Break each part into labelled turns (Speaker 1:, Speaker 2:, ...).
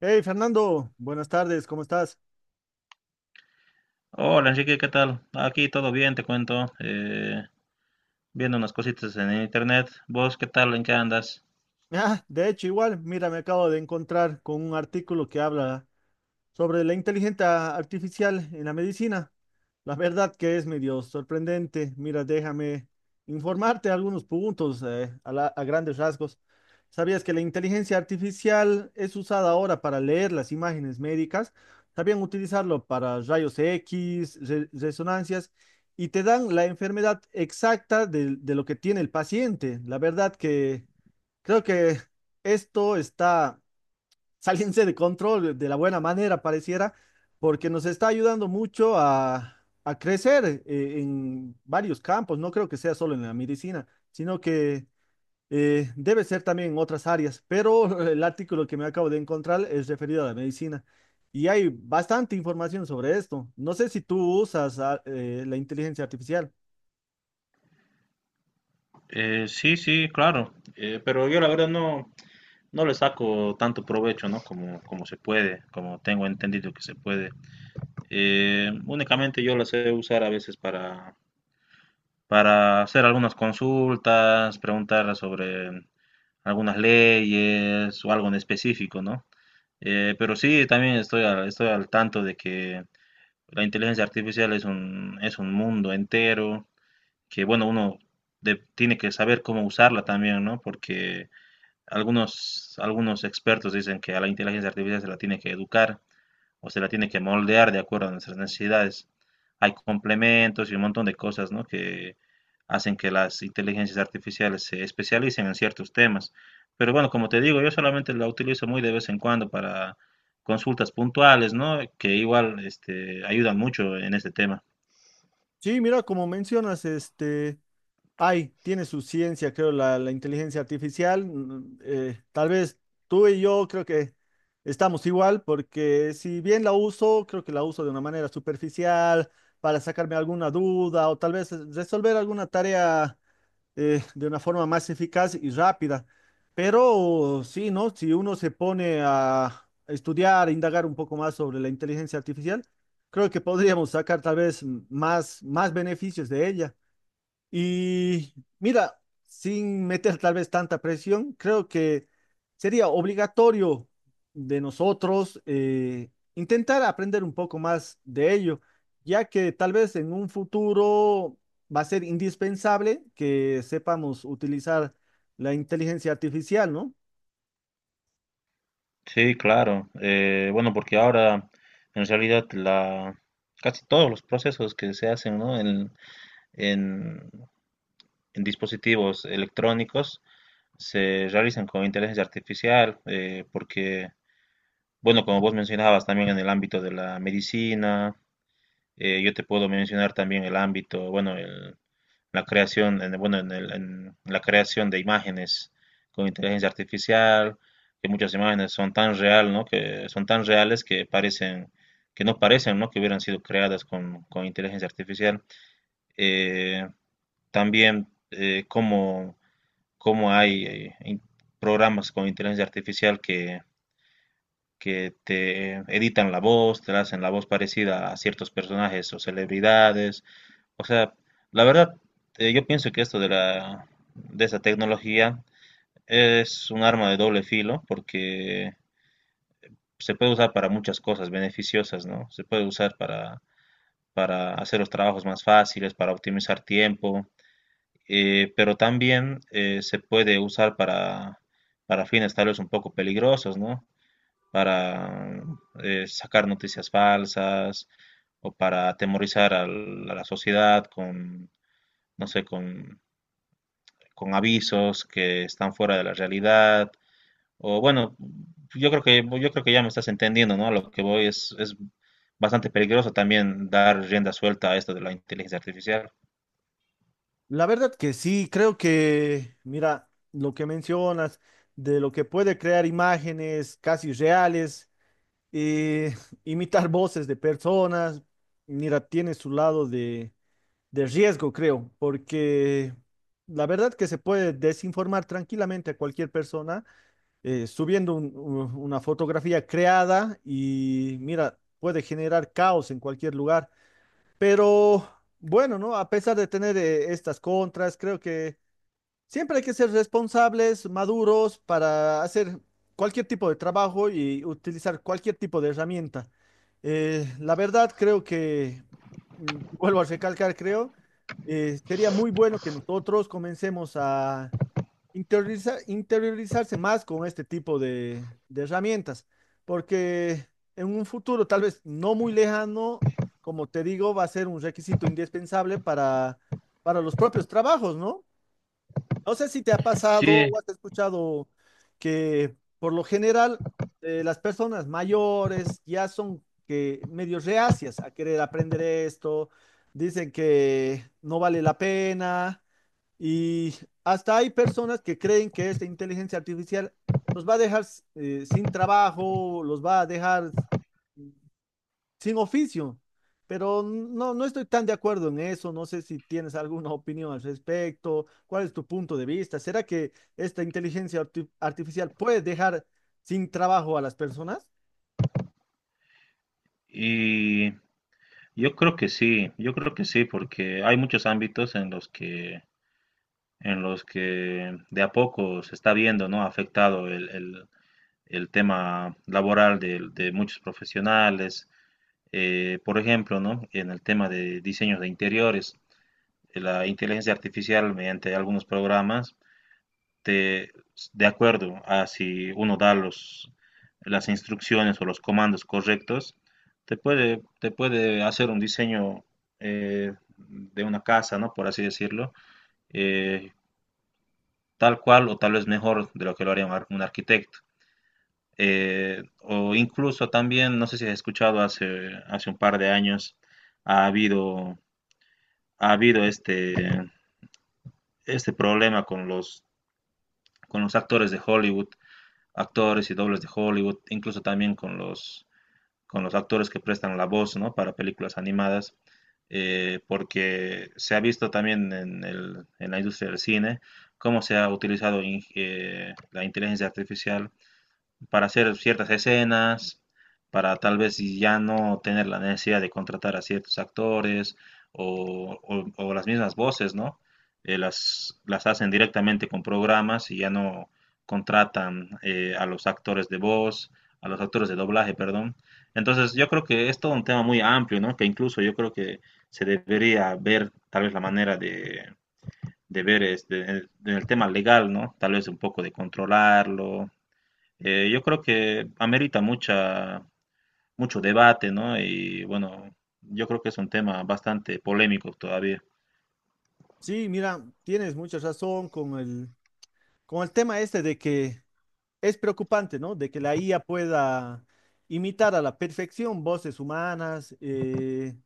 Speaker 1: Hey Fernando, buenas tardes, ¿cómo estás?
Speaker 2: Hola Enrique, ¿qué tal? Aquí todo bien, te cuento. Viendo unas cositas en internet. ¿Vos qué tal? ¿En qué andas?
Speaker 1: Ah, de hecho, igual, mira, me acabo de encontrar con un artículo que habla sobre la inteligencia artificial en la medicina. La verdad que es medio sorprendente. Mira, déjame informarte algunos puntos, a grandes rasgos. ¿Sabías que la inteligencia artificial es usada ahora para leer las imágenes médicas? También utilizarlo para rayos X, resonancias, y te dan la enfermedad exacta de lo que tiene el paciente. La verdad que creo que esto está saliéndose de control de la buena manera, pareciera, porque nos está ayudando mucho a crecer en varios campos. No creo que sea solo en la medicina, sino que debe ser también en otras áreas. Pero el artículo que me acabo de encontrar es referido a la medicina. Y hay bastante información sobre esto. No sé si tú usas la inteligencia artificial.
Speaker 2: Sí, sí, claro. Pero yo la verdad no le saco tanto provecho, ¿no? Como se puede, como tengo entendido que se puede. Únicamente yo la sé usar a veces para hacer algunas consultas, preguntar sobre algunas leyes o algo en específico, ¿no? Pero sí, también estoy al tanto de que la inteligencia artificial es un mundo entero que, bueno, tiene que saber cómo usarla también, ¿no? Porque algunos expertos dicen que a la inteligencia artificial se la tiene que educar, usted la tiene que moldear de acuerdo a nuestras necesidades. Hay complementos y un montón de cosas, ¿no?, que hacen que las inteligencias artificiales se especialicen en ciertos temas. Pero bueno, como te digo, yo solamente la utilizo muy de vez en cuando para consultas puntuales, ¿no? Que igual este, ayudan mucho en este tema.
Speaker 1: Sí, mira, como mencionas, este... Ay, tiene su ciencia, creo, la inteligencia artificial. Tal vez tú y yo creo que estamos igual, porque si bien la uso, creo que la uso de una manera superficial para sacarme alguna duda o tal vez resolver alguna tarea de una forma más eficaz y rápida. Pero sí, ¿no? Si uno se pone a estudiar, a indagar un poco más sobre la inteligencia artificial, creo que podríamos sacar tal vez, más beneficios de ella. Y mira, sin meter tal vez tanta presión, creo que sería obligatorio de nosotros intentar aprender un poco más de ello, ya que tal vez en un futuro va a ser indispensable que sepamos utilizar la inteligencia artificial, ¿no?
Speaker 2: Sí, claro. Bueno, porque ahora en realidad casi todos los procesos que se hacen, ¿no?, en- en dispositivos electrónicos se realizan con inteligencia artificial, porque, bueno, como vos mencionabas también en el ámbito de la medicina, yo te puedo mencionar también el ámbito, bueno, la creación, en, bueno, en la creación de imágenes con inteligencia artificial, que muchas imágenes son tan real, ¿no? Que son tan reales que parecen, que no parecen, ¿no?, que hubieran sido creadas con inteligencia artificial. Eh, también, cómo Cómo hay in- Programas con inteligencia artificial que te editan la voz, te hacen la voz parecida a ciertos personajes o celebridades. O sea, la verdad, yo pienso que esto de de esa tecnología es un arma de doble filo porque se puede usar para muchas cosas beneficiosas, ¿no? Se puede usar para hacer los trabajos más fáciles, para optimizar tiempo, pero también se puede usar para fines tal vez un poco peligrosos, ¿no? Para sacar noticias falsas o para atemorizar a la sociedad con, no sé, con avisos que están fuera de la realidad. O bueno, yo creo que ya me estás entendiendo, ¿no? A lo que voy es bastante peligroso también dar rienda suelta a esto de la inteligencia artificial.
Speaker 1: La verdad que sí, creo que, mira, lo que mencionas de lo que puede crear imágenes casi reales, eh, imitar voces de personas, mira, tiene su lado de riesgo, creo, porque la verdad que se puede desinformar tranquilamente a cualquier persona, subiendo una fotografía creada, y mira, puede generar caos en cualquier lugar, pero bueno, ¿no? A pesar de tener estas contras, creo que siempre hay que ser responsables, maduros para hacer cualquier tipo de trabajo y utilizar cualquier tipo de herramienta. La verdad, creo que, mm, vuelvo a recalcar, creo, sería muy bueno que nosotros comencemos a interiorizarse más con este tipo de herramientas, porque en un futuro tal vez no muy lejano, como te digo, va a ser un requisito indispensable para los propios trabajos, ¿no? No sé si te ha pasado o has escuchado que por lo general, las personas mayores ya son que medio reacias a querer aprender esto, dicen que no vale la pena, y hasta hay personas que creen que esta inteligencia artificial los va a dejar sin trabajo, los va a dejar sin oficio. Pero no, no estoy tan de acuerdo en eso. No sé si tienes alguna opinión al respecto. ¿Cuál es tu punto de vista? ¿Será que esta inteligencia artificial puede dejar sin trabajo a las personas?
Speaker 2: Y yo creo que sí, yo creo que sí, porque hay muchos ámbitos en los que de a poco se está viendo, ¿no?, afectado el tema laboral de muchos profesionales. Por ejemplo, ¿no?, en el tema de diseños de interiores, la inteligencia artificial mediante algunos programas de, de acuerdo a si uno da las instrucciones o los comandos correctos, te puede hacer un diseño, de una casa, ¿no? Por así decirlo, eh, tal cual o tal vez mejor de lo que lo haría un arquitecto. O incluso también, no sé si has escuchado hace un par de años, ha habido, ha habido este problema con con los actores de Hollywood, actores y dobles de Hollywood, incluso también con con los actores que prestan la voz, ¿no? Para películas animadas, porque se ha visto también en, en la industria del cine cómo se ha utilizado la inteligencia artificial para hacer ciertas escenas, para tal vez si ya no tener la necesidad de contratar a ciertos actores o las mismas voces, ¿no? Las hacen directamente con programas y ya no contratan a los actores de voz, a los actores de doblaje, perdón. Entonces yo creo que es todo un tema muy amplio, ¿no?, que incluso yo creo que se debería ver tal vez la manera de ver este, en el tema legal, ¿no? Tal vez un poco de controlarlo. Yo creo que amerita mucho debate, ¿no? Y bueno, yo creo que es un tema bastante polémico todavía.
Speaker 1: Sí, mira, tienes mucha razón con con el tema este de que es preocupante, ¿no? De que la IA pueda imitar a la perfección voces humanas. Eh,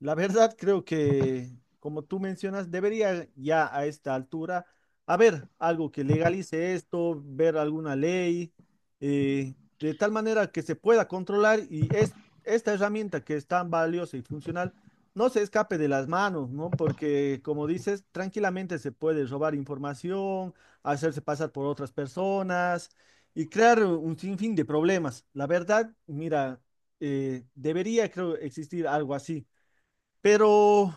Speaker 1: la verdad, creo que, como tú mencionas, debería ya a esta altura haber algo que legalice esto, ver alguna ley, eh, de tal manera que se pueda controlar y esta herramienta que es tan valiosa y funcional no se escape de las manos, ¿no? Porque, como dices, tranquilamente se puede robar información, hacerse pasar por otras personas y crear un sinfín de problemas. La verdad, mira, debería, creo, existir algo así. Pero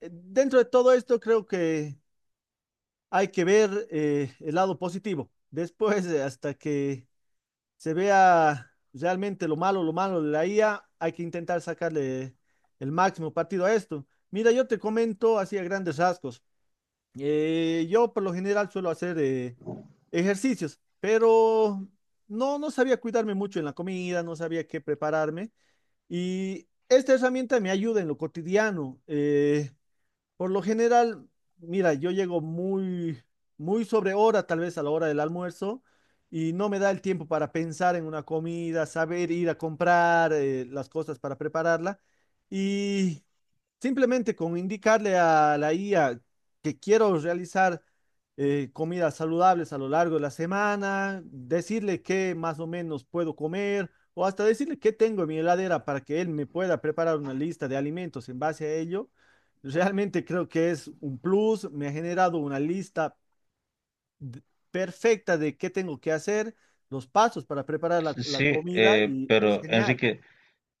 Speaker 1: dentro de todo esto creo que hay que ver, el lado positivo. Después, hasta que se vea realmente lo malo de la IA, hay que intentar sacarle el máximo partido a esto. Mira, yo te comento así a grandes rasgos. Yo por lo general suelo hacer ejercicios, pero no, no sabía cuidarme mucho en la comida, no sabía qué prepararme. Y esta herramienta me ayuda en lo cotidiano. Eh, por lo general, mira, yo llego muy sobre hora, tal vez a la hora del almuerzo, y no me da el tiempo para pensar en una comida, saber ir a comprar las cosas para prepararla. Y simplemente con indicarle a la IA que quiero realizar comidas saludables a lo largo de la semana, decirle qué más o menos puedo comer, o hasta decirle qué tengo en mi heladera para que él me pueda preparar una lista de alimentos en base a ello. Realmente creo que es un plus, me ha generado una lista d- perfecta de qué tengo que hacer, los pasos para preparar la
Speaker 2: Sí,
Speaker 1: comida, y es
Speaker 2: pero
Speaker 1: genial.
Speaker 2: Enrique,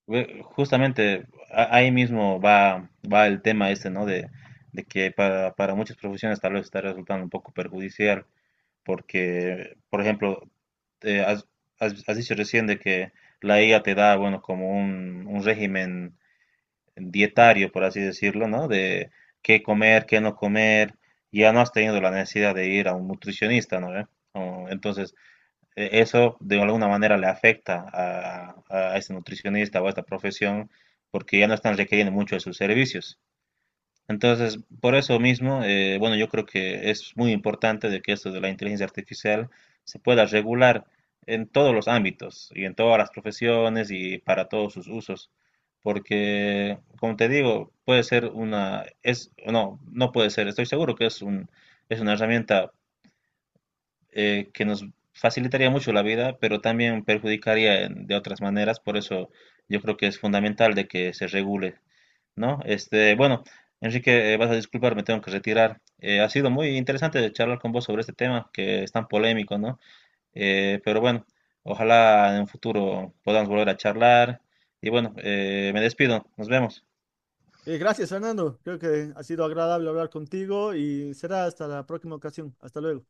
Speaker 2: justamente ahí mismo va el tema este, ¿no? De que para muchas profesiones tal vez está resultando un poco perjudicial, porque, por ejemplo, eh, has, has dicho recién de que la IA te da, bueno, como un régimen dietario, por así decirlo, ¿no? De qué comer, qué no comer, ya no has tenido la necesidad de ir a un nutricionista, ¿no? ¿Ve? O, entonces, eso de alguna manera le afecta a este nutricionista o a esta profesión porque ya no están requiriendo mucho de sus servicios. Entonces, por eso mismo, bueno, yo creo que es muy importante de que esto de la inteligencia artificial se pueda regular en todos los ámbitos y en todas las profesiones y para todos sus usos, porque, como te digo, puede ser una, es, no, no puede ser, estoy seguro que es una herramienta que nos facilitaría mucho la vida, pero también perjudicaría de otras maneras, por eso yo creo que es fundamental de que se regule. ¿No? Este, bueno, Enrique, vas a disculpar, me tengo que retirar. Ha sido muy interesante charlar con vos sobre este tema que es tan polémico, ¿no? Pero bueno, ojalá en un futuro podamos volver a charlar. Y bueno, me despido, nos vemos.
Speaker 1: Gracias, Fernando. Creo que ha sido agradable hablar contigo y será hasta la próxima ocasión. Hasta luego.